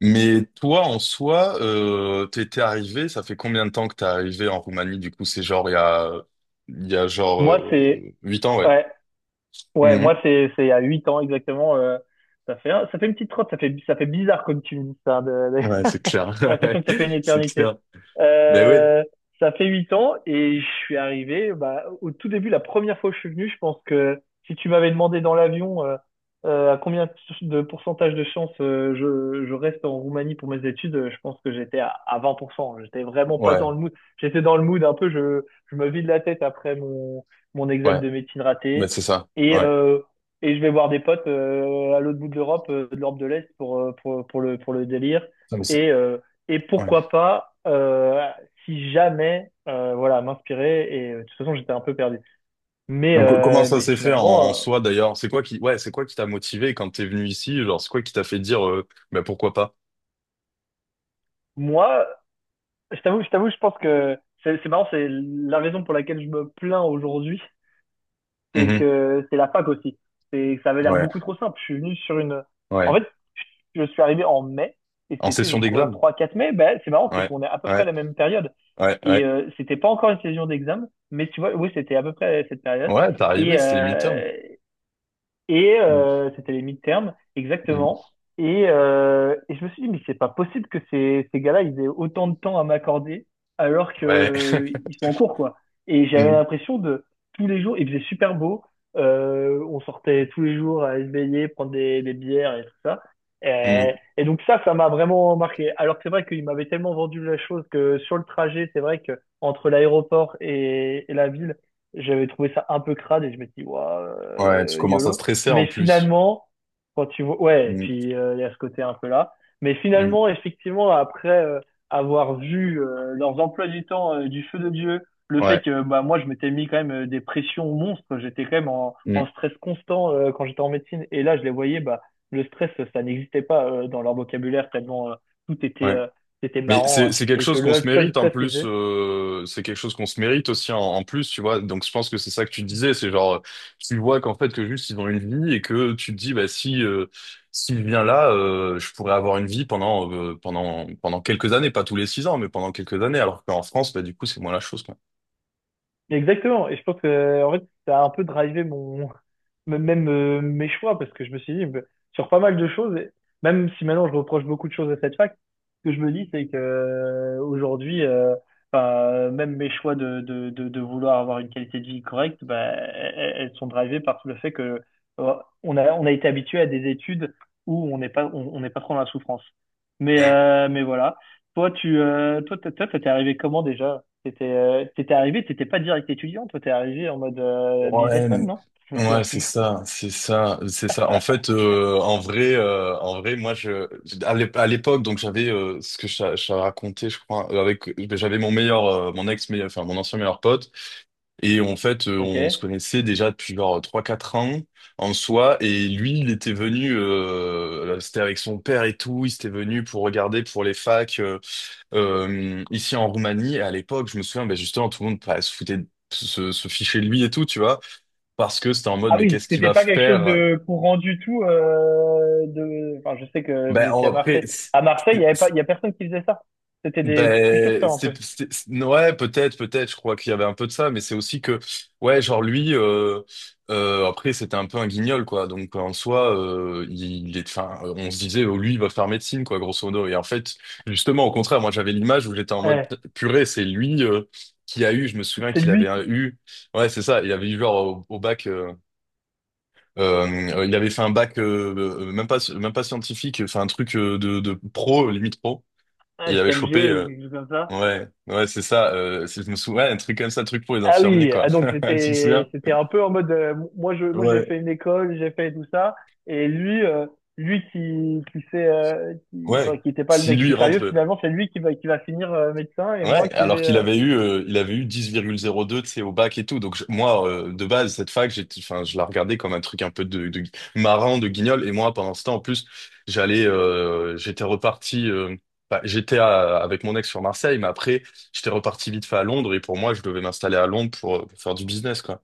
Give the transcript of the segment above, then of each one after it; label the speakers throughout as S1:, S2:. S1: Mais toi, en soi, t'étais arrivé, ça fait combien de temps que t'es arrivé en Roumanie? Du coup, c'est genre il y a genre
S2: Moi, c'est
S1: 8 ans, ouais.
S2: ouais, Ouais,
S1: Mhm.
S2: moi, c'est il y a 8 ans exactement. Ça fait une petite trotte, ça fait bizarre comme tu me dis ça.
S1: Ouais, c'est
S2: J'ai
S1: clair. Ouais,
S2: l'impression que ça fait une
S1: c'est
S2: éternité.
S1: clair. Mais oui.
S2: Euh, Ça fait 8 ans et je suis arrivé, bah, au tout début. La première fois que je suis venu, je pense que si tu m'avais demandé dans l'avion à combien de pourcentage de chance je reste en Roumanie pour mes études, je pense que j'étais à 20%. J'étais vraiment pas dans
S1: Ouais,
S2: le mood. J'étais dans le mood un peu, je me vide la tête après mon examen
S1: ouais.
S2: de médecine
S1: Mais
S2: raté.
S1: c'est ça.
S2: Et,
S1: Ouais.
S2: euh, et je vais voir des potes à l'autre bout de l'Europe, de l'Europe de l'Est, pour le délire.
S1: Ça, mais
S2: Et, euh, et
S1: ouais.
S2: pourquoi pas, si jamais, voilà, m'inspirer. De toute façon, j'étais un peu perdu. Mais,
S1: Donc, comment
S2: euh,
S1: ça
S2: mais
S1: s'est fait en
S2: finalement,
S1: soi, d'ailleurs? Ouais, c'est quoi qui t'a motivé quand t'es venu ici? Genre, c'est quoi qui t'a fait dire, bah, pourquoi pas?
S2: moi, je t'avoue, je pense que c'est marrant, c'est la raison pour laquelle je me plains aujourd'hui, c'est
S1: Mhm.
S2: que c'est la fac aussi. C'est que ça avait l'air
S1: Ouais,
S2: beaucoup trop simple. Je suis venu sur une. En
S1: ouais.
S2: fait, je suis arrivé en mai et
S1: En
S2: c'était, je
S1: session
S2: crois,
S1: d'examen?
S2: 3 4 mai. Ben c'est marrant, c'est
S1: Ouais,
S2: qu'on est à peu près
S1: ouais,
S2: à la même période,
S1: ouais,
S2: et
S1: ouais.
S2: euh, c'était pas encore une saison d'examen, mais tu vois, oui, c'était à peu près cette période.
S1: Ouais, t'es
S2: et
S1: arrivé, c'était les midterms.
S2: euh, C'était les mid-terms, exactement. Et je me suis dit, mais c'est pas possible que ces gars-là, ils aient autant de temps à m'accorder alors que
S1: Ouais.
S2: ils sont en cours, quoi. Et j'avais
S1: Mm,
S2: l'impression de tous les jours, il faisait super beau. On sortait tous les jours à se baigner, prendre des bières et tout ça. Et,
S1: mm.
S2: et donc ça m'a vraiment marqué. Alors que c'est vrai qu'il m'avait tellement vendu la chose que sur le trajet, c'est vrai que entre l'aéroport et la ville, j'avais trouvé ça un peu crade et je me suis dit, waouh,
S1: Ouais, tu commences à
S2: YOLO.
S1: stresser
S2: Mais
S1: en plus.
S2: finalement, quand tu vois, ouais,
S1: Mm,
S2: puis il y a ce côté un peu là. Mais
S1: mm.
S2: finalement, effectivement, après avoir vu leurs emplois du temps du feu de Dieu, le fait
S1: Ouais.
S2: que bah, moi, je m'étais mis quand même des pressions monstres, j'étais quand même en
S1: Mm,
S2: stress constant quand j'étais en médecine. Et là, je les voyais, bah, le stress, ça n'existait pas dans leur vocabulaire, tellement tout était,
S1: ouais.
S2: c'était
S1: Mais
S2: marrant,
S1: c'est quelque
S2: et que
S1: chose qu'on
S2: le
S1: se
S2: seul
S1: mérite en
S2: stress qu'ils
S1: plus.
S2: faisaient.
S1: C'est quelque chose qu'on se mérite aussi en plus, tu vois. Donc je pense que c'est ça que tu disais, c'est genre tu vois qu'en fait que juste ils ont une vie et que tu te dis bah si s'il vient là, je pourrais avoir une vie pendant pendant quelques années, pas tous les 6 ans, mais pendant quelques années. Alors qu'en France, bah du coup c'est moins la chose quoi.
S2: Exactement. Et je pense que, en fait, ça a un peu drivé même mes choix parce que je me suis dit, bah, sur pas mal de choses, et même si maintenant je reproche beaucoup de choses à cette fac, ce que je me dis, c'est que, aujourd'hui, bah, même mes choix de vouloir avoir une qualité de vie correcte, bah, elles sont drivées par tout le fait que, euh, on a été habitué à des études où on n'est pas, on n'est pas trop dans la souffrance. Mais voilà. Toi, t'es arrivé comment déjà? T'étais arrivé, t'étais pas direct étudiant, toi t'es arrivé en mode businessman,
S1: Ouais,
S2: non? Je me souviens
S1: ouais, c'est
S2: plus.
S1: ça, c'est ça, c'est ça. En fait, en vrai, moi, je, à l'époque, donc j'avais ce que je, je t'avais raconté, je crois, avec, j'avais mon meilleur, mon ex, enfin mon ancien meilleur pote, et en fait,
S2: Ok.
S1: on se connaissait déjà depuis genre 3 4 ans en soi, et lui, il était venu, c'était avec son père et tout, il s'était venu pour regarder pour les facs ici en Roumanie. Et à l'époque, je me souviens, ben justement, tout le monde bah, se foutait, se fichait de lui et tout, tu vois. Parce que c'était en mode,
S2: Ah
S1: mais
S2: oui,
S1: qu'est-ce qu'il
S2: c'était
S1: va
S2: pas quelque chose
S1: faire?
S2: de courant du tout. Enfin, je sais que vous étiez à
S1: Après,
S2: Marseille. À Marseille, il y avait pas,
S1: c'est-
S2: il y a personne qui faisait ça. C'était des
S1: ben,
S2: précurseurs un peu.
S1: ouais, peut-être, peut-être, je crois qu'il y avait un peu de ça, mais c'est aussi que, ouais, genre lui, après, c'était un peu un guignol, quoi. Donc, en soi, il est, enfin, on se disait, oh, lui, il va faire médecine, quoi, grosso modo. Et en fait, justement, au contraire, moi, j'avais l'image où j'étais en mode,
S2: Ouais.
S1: purée, c'est lui, qui a eu, je me souviens
S2: C'est
S1: qu'il avait
S2: lui, qui-
S1: eu, ouais, c'est ça, il avait eu genre au bac, il avait fait un bac même pas scientifique, enfin un truc de pro limite pro.
S2: ouais,
S1: Il avait chopé
S2: STMG ou quelque chose comme ça.
S1: ouais ouais c'est ça. Si je me souviens, ouais, un truc comme ça, un truc pour les
S2: Ah
S1: infirmiers
S2: oui,
S1: quoi.
S2: ah donc
S1: Tu te souviens?
S2: c'était un peu en mode moi j'ai
S1: Ouais
S2: fait une école, j'ai fait tout ça et lui lui qui s'est qui, enfin
S1: ouais.
S2: qui était pas le
S1: Si
S2: mec
S1: lui il
S2: plus sérieux
S1: rentre.
S2: finalement, c'est lui qui va finir médecin et moi
S1: Ouais,
S2: qui
S1: alors
S2: vais
S1: qu'il avait eu, il avait eu 10,02 tu sais, au bac et tout. Donc moi, de base, cette fac, j'étais, enfin, je la regardais comme un truc un peu de, marrant, de guignol. Et moi, pendant ce temps, en plus, j'allais, j'étais reparti, bah, avec mon ex sur Marseille, mais après, j'étais reparti vite fait à Londres. Et pour moi, je devais m'installer à Londres pour faire du business, quoi.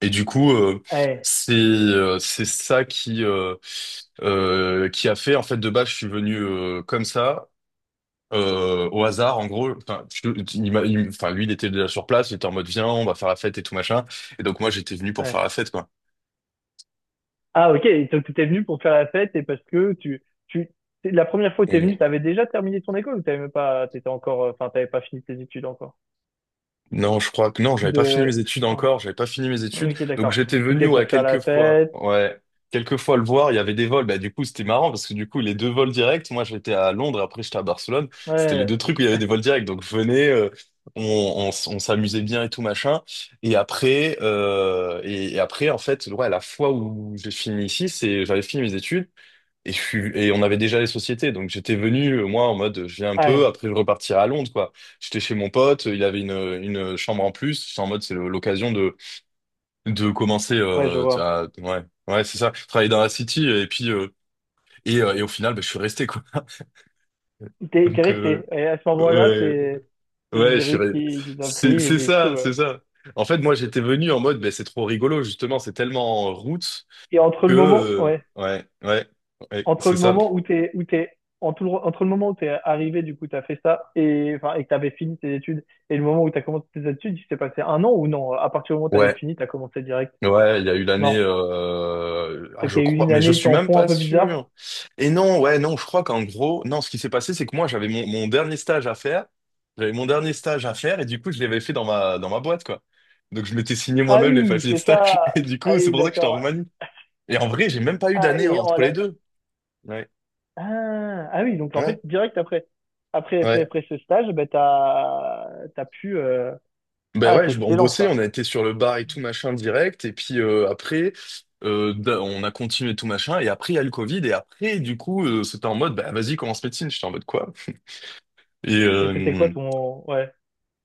S1: Et du coup,
S2: ouais,
S1: c'est ça qui a fait, en fait, de base, je suis venu comme ça au hasard, en gros, enfin, enfin, lui, il était déjà sur place, il était en mode, viens, on va faire la fête et tout machin. Et donc, moi, j'étais venu pour
S2: ouais.
S1: faire la fête, quoi.
S2: Ah OK, donc tu t'es venu pour faire la fête et parce que la première fois que t'es venu, t'avais déjà terminé ton école ou t'avais même pas t'étais encore enfin t'avais pas fini tes études encore.
S1: Non, je crois que non, j'avais pas fini
S2: De
S1: mes études
S2: Ah,
S1: encore, j'avais pas fini mes études.
S2: OK,
S1: Donc
S2: d'accord.
S1: j'étais venu
S2: C'était pour faire la fête.
S1: ouais, quelques fois le voir, il y avait des vols. Bah du coup, c'était marrant parce que du coup, les deux vols directs, moi j'étais à Londres, après j'étais à Barcelone, c'était les deux
S2: Ouais.
S1: trucs où il y avait des vols directs. Donc je venais, on, on s'amusait bien et tout machin. Et après en fait, ouais, la fois où j'ai fini ici, c'est j'avais fini mes études et, et on avait déjà les sociétés, donc j'étais venu, moi, en mode, je viens un peu,
S2: Ouais,
S1: après je repartirai à Londres, quoi. J'étais chez mon pote, il avait une chambre en plus, j'étais en mode, l'occasion de, commencer,
S2: ouais, je
S1: tu
S2: vois.
S1: ouais, ouais, c'est ça, travailler dans la city, et puis, et au final, bah, je suis resté, quoi.
S2: T'es
S1: Donc,
S2: resté. Et à ce moment-là,
S1: ouais,
S2: c'est le
S1: ouais,
S2: virus qui t'a pris
S1: c'est,
S2: et du coup.
S1: c'est ça. En fait, moi, j'étais venu en mode, bah, c'est trop rigolo, justement, c'est tellement en route
S2: Et entre
S1: que,
S2: le moment, ouais,
S1: ouais, ouais, ouais,
S2: entre
S1: c'est
S2: le
S1: ça.
S2: moment où t'es où t'es entre le moment où t'es arrivé, du coup, t'as fait ça et enfin que t'avais fini tes études et le moment où t'as commencé tes études, il s'est passé un an ou non? À partir du moment où t'avais
S1: Ouais.
S2: fini, t'as commencé direct.
S1: Ouais, il y a eu l'année,
S2: Non,
S1: ah,
S2: donc
S1: je
S2: il y a eu
S1: crois,
S2: une
S1: mais je
S2: année
S1: suis même
S2: tampon
S1: pas
S2: un peu
S1: sûr.
S2: bizarre.
S1: Et non, ouais, non, je crois qu'en gros, non, ce qui s'est passé, c'est que moi, j'avais mon dernier stage à faire. J'avais mon dernier stage à faire et du coup, je l'avais fait dans ma boîte, quoi. Donc, je m'étais signé
S2: Ah
S1: moi-même les
S2: oui,
S1: papiers de
S2: c'est
S1: stage
S2: ça.
S1: et du
S2: Ah
S1: coup, c'est
S2: oui,
S1: pour ça que j'étais en
S2: d'accord.
S1: Roumanie. Et en vrai, j'ai même pas eu
S2: Ah
S1: d'année
S2: et en
S1: entre les
S2: la-
S1: deux. Ouais.
S2: ah oui, donc en fait
S1: Ouais.
S2: direct après après après
S1: Ouais.
S2: après ce stage, ben t'as pu
S1: Ben
S2: Ah,
S1: ouais,
S2: c'est
S1: on
S2: excellent
S1: bossait,
S2: ça.
S1: on a été sur le bar et tout machin direct, et puis après, on a continué tout machin, et après il y a le Covid, et après du coup c'était en mode, bah vas-y commence médecine, j'étais en mode quoi? Et
S2: Et c'était quoi ton, ouais,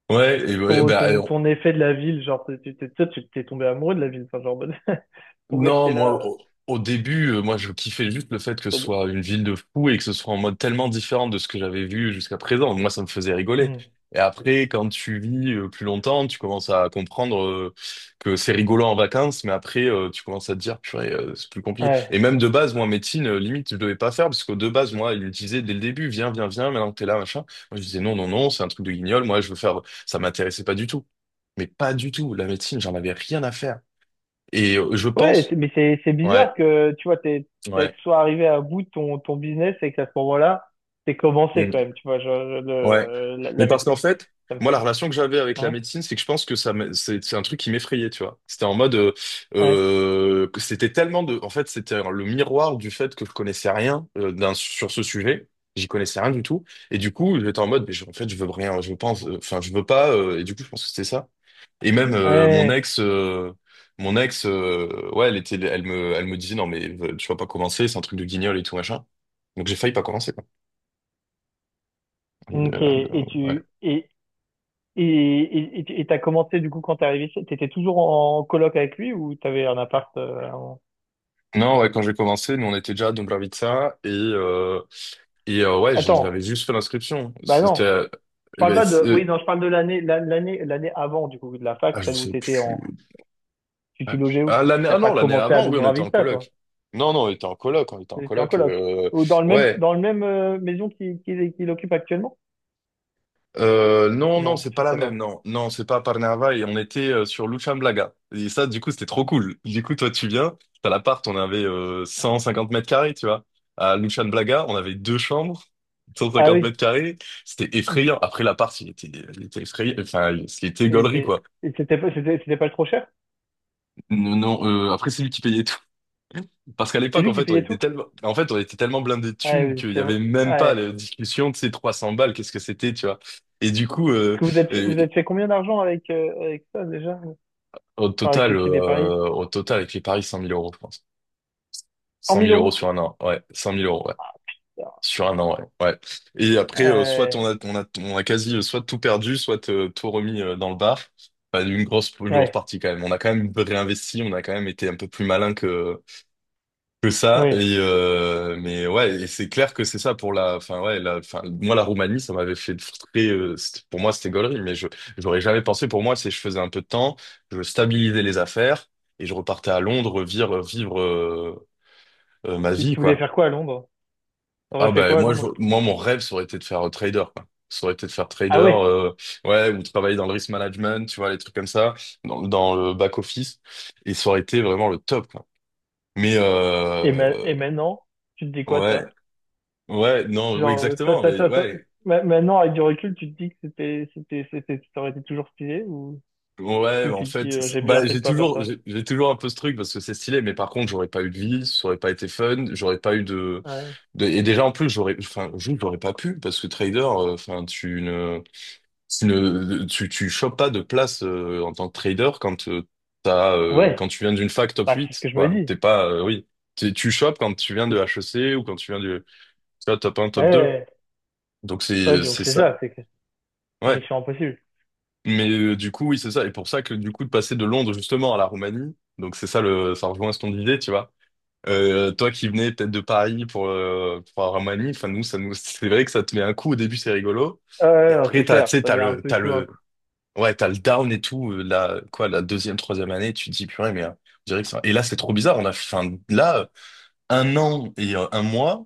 S1: ouais, et ouais,
S2: ton,
S1: bah,
S2: ton, ton effet de la ville? Genre, toi, tu t'es tombé amoureux de la ville, enfin, genre, pour
S1: non,
S2: rester là.
S1: moi, au début, moi, je kiffais juste le fait que ce
S2: euh,
S1: soit une ville de fous et que ce soit en mode tellement différent de ce que j'avais vu jusqu'à présent. Moi, ça me faisait rigoler.
S2: Hmm.
S1: Et après, quand tu vis plus longtemps, tu commences à comprendre que c'est rigolo en vacances, mais après, tu commences à te dire, purée, c'est plus compliqué. Et
S2: Ouais.
S1: même de base, moi, en médecine, limite, je devais pas faire, parce que de base, moi, il me disait dès le début, viens, viens, viens, maintenant que t'es là, machin. Moi, je disais, non, non, non, c'est un truc de guignol, moi, je veux faire, ça m'intéressait pas du tout. Mais pas du tout. La médecine, j'en avais rien à faire. Et je
S2: Ouais, c'est-
S1: pense,
S2: mais c'est c'est
S1: ouais,
S2: bizarre que tu vois, t'es
S1: ouais,
S2: soit arrivé à bout de ton business et qu'à ce moment-là, t'es commencé quand
S1: mm,
S2: même, tu vois, genre,
S1: ouais.
S2: le, la,
S1: Mais
S2: la
S1: parce qu'en
S2: médecine.
S1: fait,
S2: Ça me
S1: moi, la
S2: fait.
S1: relation que j'avais avec la
S2: Ouais.
S1: médecine, c'est que je pense que ça, c'est un truc qui m'effrayait, tu vois. C'était en mode,
S2: Ouais.
S1: que c'était tellement de, en fait, c'était le miroir du fait que je connaissais rien sur ce sujet. J'y connaissais rien du tout. Et du coup, j'étais en mode, mais en fait, je veux rien, je veux pas, enfin, je veux pas. Et du coup, je pense que c'était ça. Et même mon
S2: Ouais.
S1: ex, ouais, elle était, elle me disait, non, mais tu vas pas commencer, c'est un truc de guignol et tout machin. Donc j'ai failli pas commencer. Et,
S2: Ok, et
S1: ouais.
S2: tu et tu- et t'as commencé du coup quand t'es arrivé, t'étais toujours en coloc avec lui ou t'avais un appart avant.
S1: Non, ouais, quand j'ai commencé, nous on était déjà à Dobrovica et ouais,
S2: Attends,
S1: j'avais juste fait l'inscription.
S2: bah
S1: C'était
S2: non, je
S1: eh
S2: parle
S1: ben,
S2: pas de. Oui, non, je parle de l'année l'année avant du coup de la fac,
S1: ah je
S2: celle où
S1: sais
S2: t'étais en.
S1: plus.
S2: Tu
S1: Ah,
S2: logeais où? Tu
S1: l'année
S2: t'as
S1: ah
S2: pas
S1: non, l'année
S2: commencé à
S1: avant, oui, on était en
S2: Dubravista, toi?
S1: coloc. Non, non, on était en coloc, on était en
S2: T'étais en
S1: coloc.
S2: coloc ou dans le même
S1: Ouais,
S2: maison qu'il occupe actuellement?
S1: Non, non,
S2: Non,
S1: c'est
S2: je
S1: pas la
S2: sais
S1: même,
S2: pas.
S1: non. Non, c'est pas à Parnava et on était sur Luchamblaga. Et ça, du coup, c'était trop cool. Du coup, toi, tu viens, t'as l'appart, on avait 150 mètres carrés, tu vois. À Luchamlaga, on avait deux chambres, cent
S2: Ah
S1: cinquante
S2: oui.
S1: mètres carrés. C'était
S2: Hmm.
S1: effrayant. Après, l'appart, il était effrayant. Enfin, il était gaulerie, quoi.
S2: C'était pas trop cher?
S1: Non, non, après, c'est lui qui payait tout. Parce qu'à
S2: C'est
S1: l'époque, en
S2: lui qui
S1: fait,
S2: payait tout?
S1: en fait, on était tellement blindés de
S2: Ouais,
S1: thunes qu'il y
S2: effectivement.
S1: avait même pas
S2: Ouais.
S1: la discussion de ces 300 balles, qu'est-ce que c'était, tu vois. Et du coup,
S2: Que vous êtes,
S1: euh,
S2: vous êtes fait combien d'argent avec ça déjà? Enfin,
S1: au
S2: avec
S1: total,
S2: les trucs des paris?
S1: au total, avec les paris, 100 000 euros, je pense. Cent
S2: 100
S1: mille
S2: 000
S1: euros
S2: euros?
S1: sur 1 an, ouais. 100 000 euros, ouais. Sur un an, ouais. Ouais. Et après, soit
S2: Euh,
S1: on a, on a quasi, soit tout perdu, soit tout remis dans le bar. Enfin, une grosse
S2: ouais,
S1: partie quand même. On a quand même réinvesti, on a quand même été un peu plus malin que ça
S2: ouais.
S1: et mais ouais et c'est clair que c'est ça pour la enfin ouais la enfin moi la Roumanie ça m'avait fait très pour moi c'était gaulerie mais je j'aurais jamais pensé pour moi c'est je faisais un peu de temps je stabilisais les affaires et je repartais à Londres vivre ma
S2: Et
S1: vie
S2: tu voulais
S1: quoi
S2: faire quoi à Londres? T'aurais
S1: ah
S2: fait
S1: bah
S2: quoi à
S1: moi je,
S2: Londres?
S1: moi mon rêve ça aurait été de faire trader quoi ça aurait été de faire trader
S2: Ah ouais.
S1: ouais ou travailler dans le risk management tu vois les trucs comme ça dans le back office et ça aurait été vraiment le top quoi mais
S2: Et maintenant, tu te dis quoi de
S1: ouais
S2: ça?
S1: ouais, non, oui,
S2: Genre, euh, ça,
S1: exactement.
S2: ça,
S1: Mais
S2: ça, ça.
S1: ouais,
S2: Maintenant, avec du recul, tu te dis que c'était, ça aurait été toujours stylé, ou,
S1: ouais,
S2: ou
S1: en
S2: tu te dis,
S1: fait,
S2: j'ai bien
S1: bah,
S2: fait de pas faire ça?
S1: j'ai toujours un peu ce truc parce que c'est stylé, mais par contre, j'aurais pas eu de vie, ça aurait pas été fun, j'aurais pas eu de,
S2: Ouais.
S1: et déjà, en plus, j'aurais, enfin, je j'aurais pas pu parce que trader, enfin, tu ne, tu ne, tu chopes pas de place, en tant que trader quand, t'as,
S2: Ouais.
S1: quand tu viens d'une fac top
S2: Bah, c'est ce que
S1: 8
S2: je me
S1: quoi.
S2: dis.
S1: T'es pas, oui, tu chopes quand tu viens de HEC ou quand tu viens du, tu vois, top un
S2: Ouais. Ouais,
S1: top 2
S2: ouais.
S1: donc,
S2: Ouais,
S1: c'est,
S2: donc
S1: c'est
S2: c'est
S1: ça.
S2: ça, c'est que c'est
S1: Ouais.
S2: mission impossible.
S1: Mais du coup, oui, c'est ça. Et pour ça que du coup, de passer de Londres justement à la Roumanie, donc c'est ça le, ça rejoint ce qu'on disait, tu vois. Toi qui venais peut-être de Paris pour la Roumanie, enfin nous, ça nous, c'est vrai que ça te met un coup au début, c'est rigolo.
S2: Ouais,
S1: Et
S2: ouais, non,
S1: après,
S2: c'est
S1: t'as, tu
S2: clair.
S1: sais,
S2: Ça
S1: t'as
S2: met un
S1: le,
S2: peu coup à coup.
S1: ouais, t'as le down et tout. La deuxième, troisième année, tu te dis purée, mais on dirait que ça. Et là, c'est trop bizarre. On a, enfin, là, 1 an et 1 mois,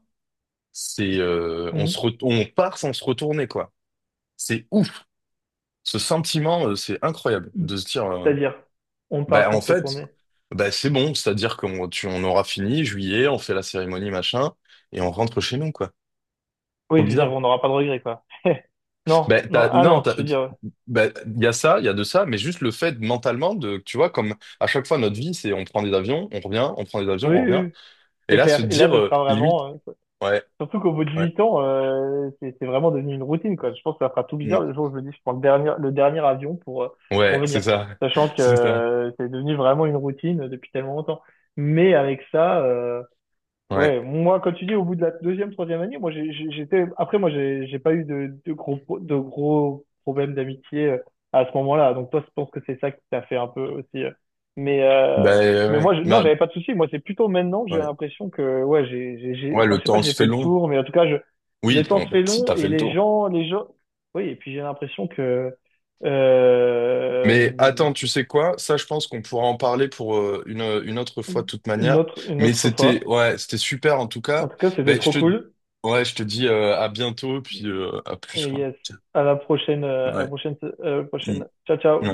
S1: c'est,
S2: Mmh.
S1: on part sans se retourner, quoi. C'est ouf. Ce sentiment, c'est incroyable de se dire.
S2: C'est-à-dire, on part
S1: Bah,
S2: sans
S1: en
S2: se
S1: fait,
S2: retourner.
S1: bah, c'est bon, c'est-à-dire on aura fini, juillet, on fait la cérémonie, machin, et on rentre chez nous, quoi.
S2: Oui,
S1: Trop
S2: je veux dire,
S1: bizarre.
S2: on n'aura pas de regrets, quoi. Non,
S1: Bah,
S2: non,
S1: t'as-
S2: ah
S1: non,
S2: non,
S1: t'as-
S2: tu veux dire,
S1: bah, il y a ça, il y a de ça, mais juste le fait mentalement de, tu vois, comme à chaque fois notre vie, c'est on prend des avions, on revient, on prend des avions,
S2: oui,
S1: on
S2: oui,
S1: revient,
S2: oui,
S1: et
S2: c'est
S1: là, se
S2: clair. Et là,
S1: dire,
S2: ce sera
S1: limite,
S2: vraiment,
S1: ouais,
S2: surtout qu'au bout de
S1: ouais,
S2: 8 ans, c'est vraiment devenu une routine, quoi. Je pense que ça fera tout
S1: mm,
S2: bizarre le jour où je me dis, je prends le dernier avion pour
S1: ouais, c'est
S2: venir.
S1: ça,
S2: Sachant que
S1: c'est ça,
S2: c'est devenu vraiment une routine depuis tellement longtemps. Mais avec ça,
S1: ouais.
S2: Ouais, moi, quand tu dis au bout de la deuxième, troisième année, moi, j'étais. Après, moi, j'ai pas eu de gros, de gros problèmes d'amitié, à ce moment-là. Donc, toi, je pense que c'est ça qui t'a fait un peu aussi. Mais, euh,
S1: Bah,
S2: mais moi,
S1: ouais,
S2: je... non,
S1: bah,
S2: j'avais pas de souci. Moi, c'est plutôt maintenant que j'ai
S1: ouais,
S2: l'impression que, ouais,
S1: ouais,
S2: enfin,
S1: le
S2: je sais pas,
S1: temps se
S2: j'ai fait
S1: fait
S2: le
S1: long.
S2: tour, mais en tout cas, je...
S1: Oui,
S2: Le temps se fait
S1: si,
S2: long
S1: t'as fait
S2: et
S1: le
S2: les
S1: tour.
S2: gens, les gens. Oui, et puis j'ai l'impression que euh...
S1: Mais attends, tu sais quoi? Ça, je pense qu'on pourra en parler pour une autre fois de toute manière.
S2: une
S1: Mais
S2: autre
S1: c'était
S2: fois.
S1: ouais, c'était super en tout
S2: En
S1: cas.
S2: tout cas, c'était
S1: Ben, je
S2: trop
S1: te
S2: cool.
S1: ouais, je te dis à bientôt puis à plus
S2: Et
S1: quoi.
S2: yes, à la prochaine, à la
S1: Ouais.
S2: prochaine, à la prochaine. Ciao, ciao.
S1: Mm.